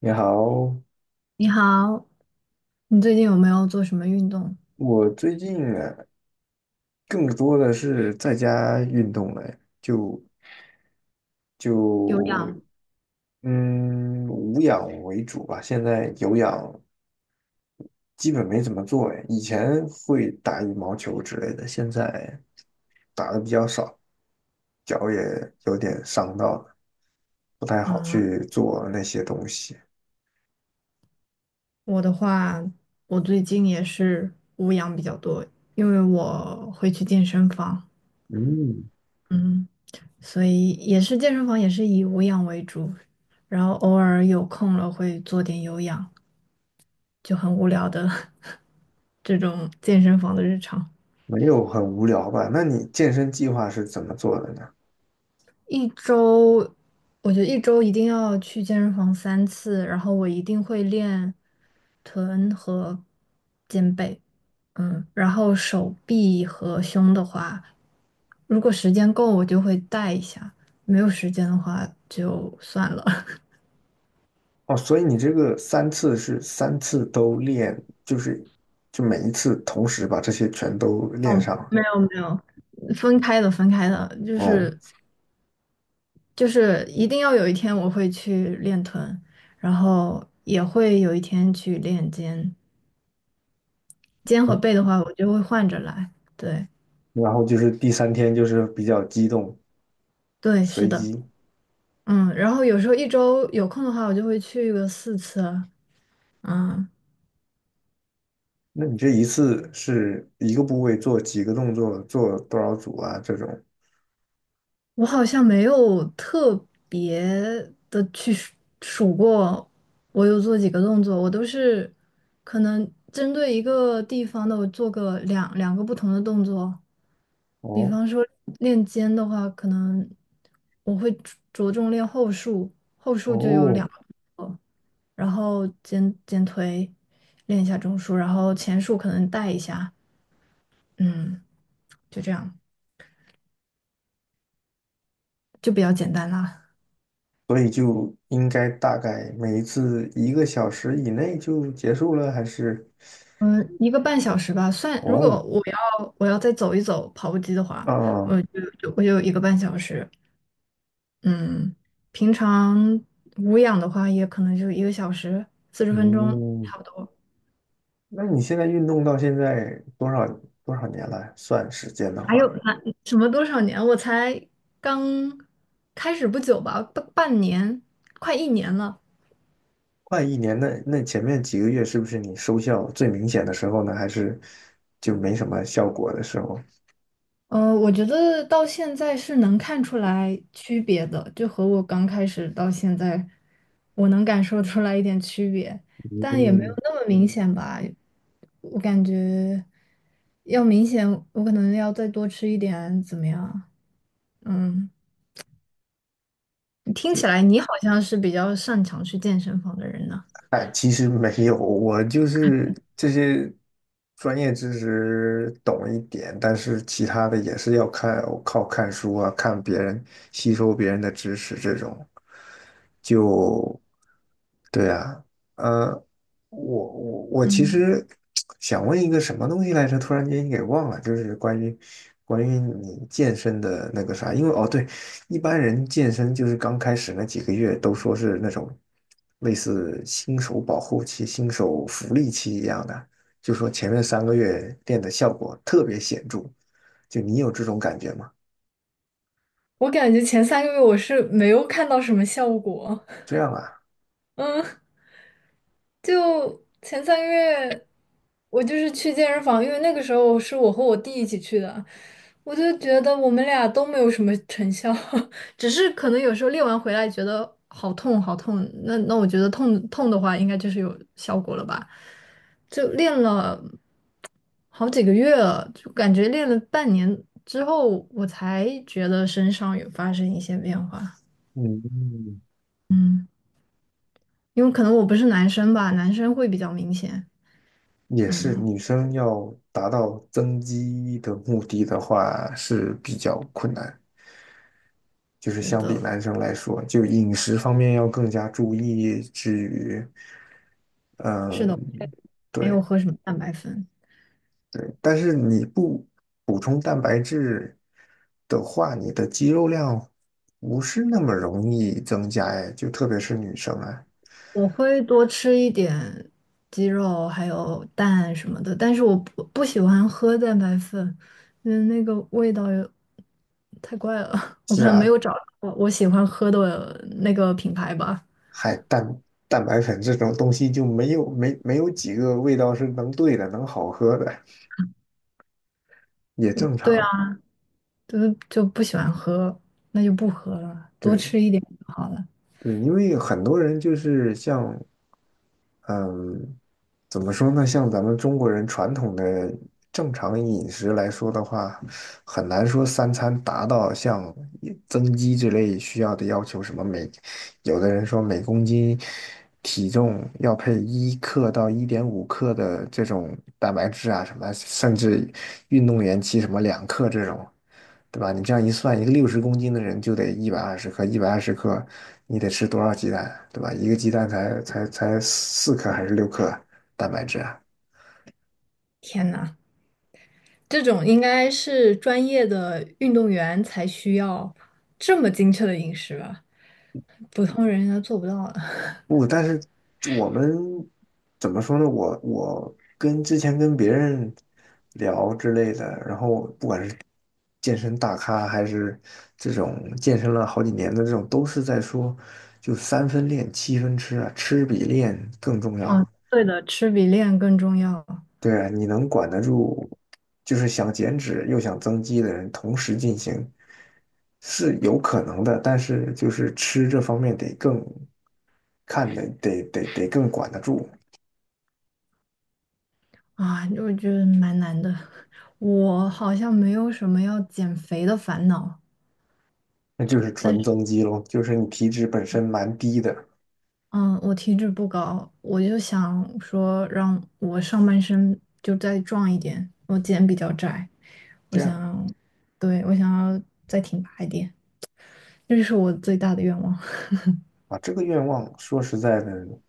你好。你好，你最近有没有做什么运动？我最近啊，更多的是在家运动了，就有就氧嗯，无氧为主吧。现在有氧基本没怎么做哎，以前会打羽毛球之类的，现在打的比较少，脚也有点伤到了，不太好啊，去做那些东西。我的话，我最近也是无氧比较多，因为我会去健身房，嗯，嗯，所以也是健身房也是以无氧为主，然后偶尔有空了会做点有氧，就很无聊的 这种健身房的日常。没有很无聊吧？那你健身计划是怎么做的呢？一周，我觉得一周一定要去健身房3次，然后我一定会练臀和肩背。嗯，然后手臂和胸的话，如果时间够，我就会带一下；没有时间的话，就算了。哦，所以你这个三次是三次都练，就是每一次同时把这些全都练上了。没有没有，分开的分开的，就嗯，是就是一定要有一天我会去练臀，然后也会有一天去练肩，肩和背的话，我就会换着来。对然后就是第三天就是比较激动，对，是随的，机。嗯，然后有时候一周有空的话，我就会去个4次，嗯。那你这一次是一个部位做几个动作，做多少组啊？这种？我好像没有特别的去数过，我有做几个动作，我都是可能针对一个地方的，我做个两个不同的动作。比哦方说练肩的话，可能我会着重练后束，后束就有哦，两个，然后肩推练一下中束，然后前束可能带一下，嗯，就这样，就比较简单啦。所以就应该大概每一次一个小时以内就结束了，还是？嗯，一个半小时吧，算，如果哦，我要再走一走跑步机的话，啊，我就有一个半小时。嗯，平常无氧的话，也可能就1个小时40分钟嗯。差不多。那你现在运动到现在多少年了？算时间的还话，有那什么多少年？我才刚开始不久吧，半年，快1年了。快一年。那前面几个月是不是你收效最明显的时候呢？还是就没什么效果的时候？我觉得到现在是能看出来区别的，就和我刚开始到现在，我能感受出来一点区别，但也没有嗯，那么明显吧。我感觉要明显，我可能要再多吃一点，怎么样？嗯，听起来你好像是比较擅长去健身房的人呢。哎，其实没有，我就是这些专业知识懂一点，但是其他的也是要看，靠看书啊，看别人，吸收别人的知识这种。就，对啊，呃，我我其嗯，实想问一个什么东西来着，突然间给忘了，就是关于你健身的那个啥，因为哦对，一般人健身就是刚开始那几个月都说是那种类似新手保护期、新手福利期一样的，就说前面3个月练的效果特别显著。就你有这种感觉吗？我感觉前三个月我是没有看到什么效果。这 样啊。嗯。就前3个月，我就是去健身房，因为那个时候是我和我弟一起去的，我就觉得我们俩都没有什么成效，只是可能有时候练完回来觉得好痛好痛，那我觉得痛痛的话应该就是有效果了吧，就练了好几个月了，就感觉练了半年之后，我才觉得身上有发生一些变化，嗯，嗯，因为可能我不是男生吧，男生会比较明显，也是嗯。女生要达到增肌的目的的话是比较困难，就是是相比的，男生来说，就饮食方面要更加注意，至于，嗯。没有对，喝什么蛋白粉？对，但是你不补充蛋白质的话，你的肌肉量不是那么容易增加哎，就特别是女生啊。我会多吃一点鸡肉，还有蛋什么的，但是我不喜欢喝蛋白粉，因为那个味道有太怪了。我是看没啊，有找到我喜欢喝的那个品牌吧。还蛋白粉这种东西就没有几个味道是能对的，能好喝的，也正对啊，常。就就不喜欢喝，那就不喝了，多对，吃一点就好了。对，因为很多人就是像嗯，怎么说呢？像咱们中国人传统的正常饮食来说的话，很难说三餐达到像增肌之类需要的要求，什么有的人说每公斤体重要配1克到1.5克的这种蛋白质啊什么甚至运动员骑什么2克这种，对吧？你这样一算，一个60公斤的人就得一百二十克，一百二十克你得吃多少鸡蛋，对吧？一个鸡蛋才4克还是6克蛋白质啊？天呐，这种应该是专业的运动员才需要这么精确的饮食吧？普通人应该做不到的。不，但是我们怎么说呢？我跟之前跟别人聊之类的，然后不管是健身大咖还是这种健身了好几年的这种，都是在说，就三分练，七分吃啊，吃比练更重啊，要。对的，吃比练更重要，对啊，你能管得住，就是想减脂又想增肌的人同时进行是有可能的，但是就是吃这方面得更看得更管得住。啊，我觉得蛮难的。我好像没有什么要减肥的烦恼，那就是但纯是增肌咯，就是你体脂本身蛮低的，嗯，我体脂不高，我就想说让我上半身就再壮一点，我肩比较窄，我这样想，对，我想要再挺拔一点，这是我最大的愿望，啊，这个愿望说实在的，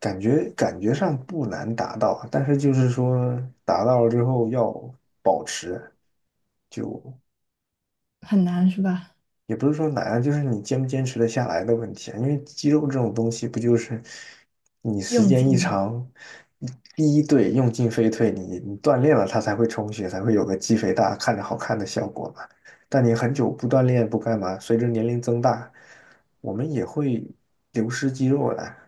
感觉上不难达到，但是就是说达到了之后要保持，就 很难是吧？也不是说难啊，就是你坚不坚持的下来的问题啊。因为肌肉这种东西，不就是你时用间一尽。长，第一对用进废退，你锻炼了，它才会充血，才会有个肌肥大、看着好看的效果嘛。但你很久不锻炼不干嘛，随着年龄增大，我们也会流失肌肉的啊。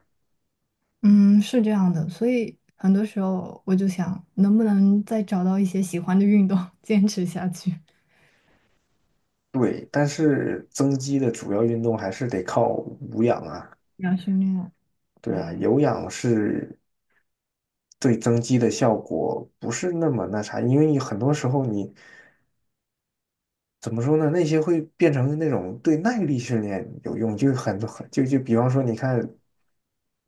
嗯，是这样的，所以很多时候我就想，能不能再找到一些喜欢的运动，坚持下去，对，但是增肌的主要运动还是得靠无氧啊。要训练。对啊，对，有氧是对增肌的效果不是那么那啥，因为你很多时候你怎么说呢？那些会变成那种对耐力训练有用，就很就比方说，你看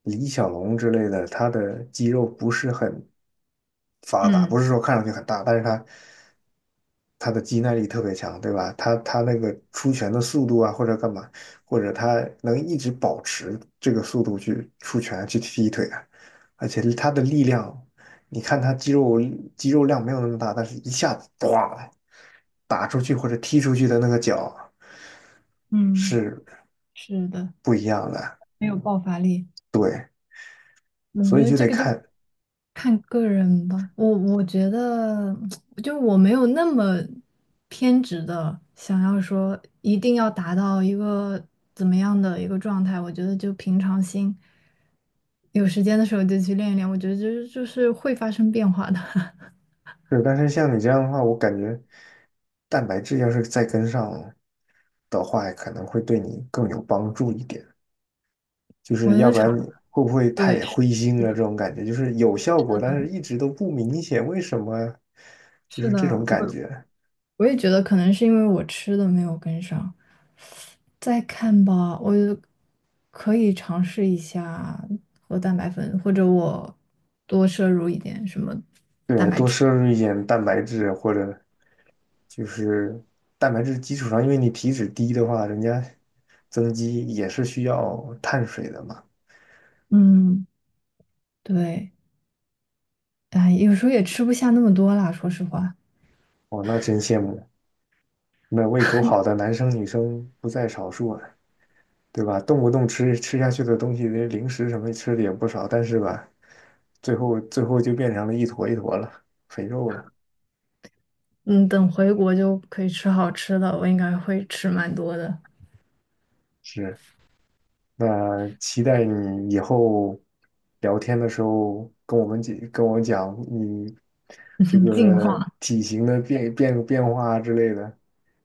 李小龙之类的，他的肌肉不是很发达，不嗯是说看上去很大，但是他的肌耐力特别强，对吧？他那个出拳的速度啊，或者干嘛，或者他能一直保持这个速度去出拳去踢腿啊，而且他的力量你看他肌肉量没有那么大，但是一下子咣打出去或者踢出去的那个脚嗯，是是的，不一样的，没有爆发力。对，我所以觉得就这得个就看。看个人吧。我觉得，就我没有那么偏执的想要说一定要达到一个怎么样的一个状态。我觉得就平常心，有时间的时候就去练一练。我觉得就是会发生变化的。是，但是像你这样的话，我感觉蛋白质要是再跟上的话，可能会对你更有帮助一点。就我是觉要得不肠，然你会不会对，太灰心是了？这的，种感觉就是有效果，但是一直都不明显，为什么？就是是的，这种感我觉。我也觉得可能是因为我吃的没有跟上。再看吧，我可以尝试一下喝蛋白粉，或者我多摄入一点什么蛋对，白多质。摄入一点蛋白质或者就是蛋白质基础上，因为你体脂低的话，人家增肌也是需要碳水的嘛。嗯，对，哎，有时候也吃不下那么多啦，说实话。哦，那真羡慕，那胃口好的男生女生不在少数啊，对吧？动不动吃下去的东西，那零食什么吃的也不少，但是吧，最后就变成了一坨一坨了，肥肉了。嗯，等回国就可以吃好吃的，我应该会吃蛮多的，是。那期待你以后聊天的时候跟我们讲，跟我讲你这 进个化。体型的变化之类的，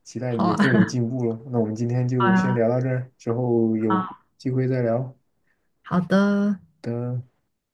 期待好你更有啊，进步了。那我们今天 好就先啊，聊到这儿，之后有好，机会再聊。好的。的。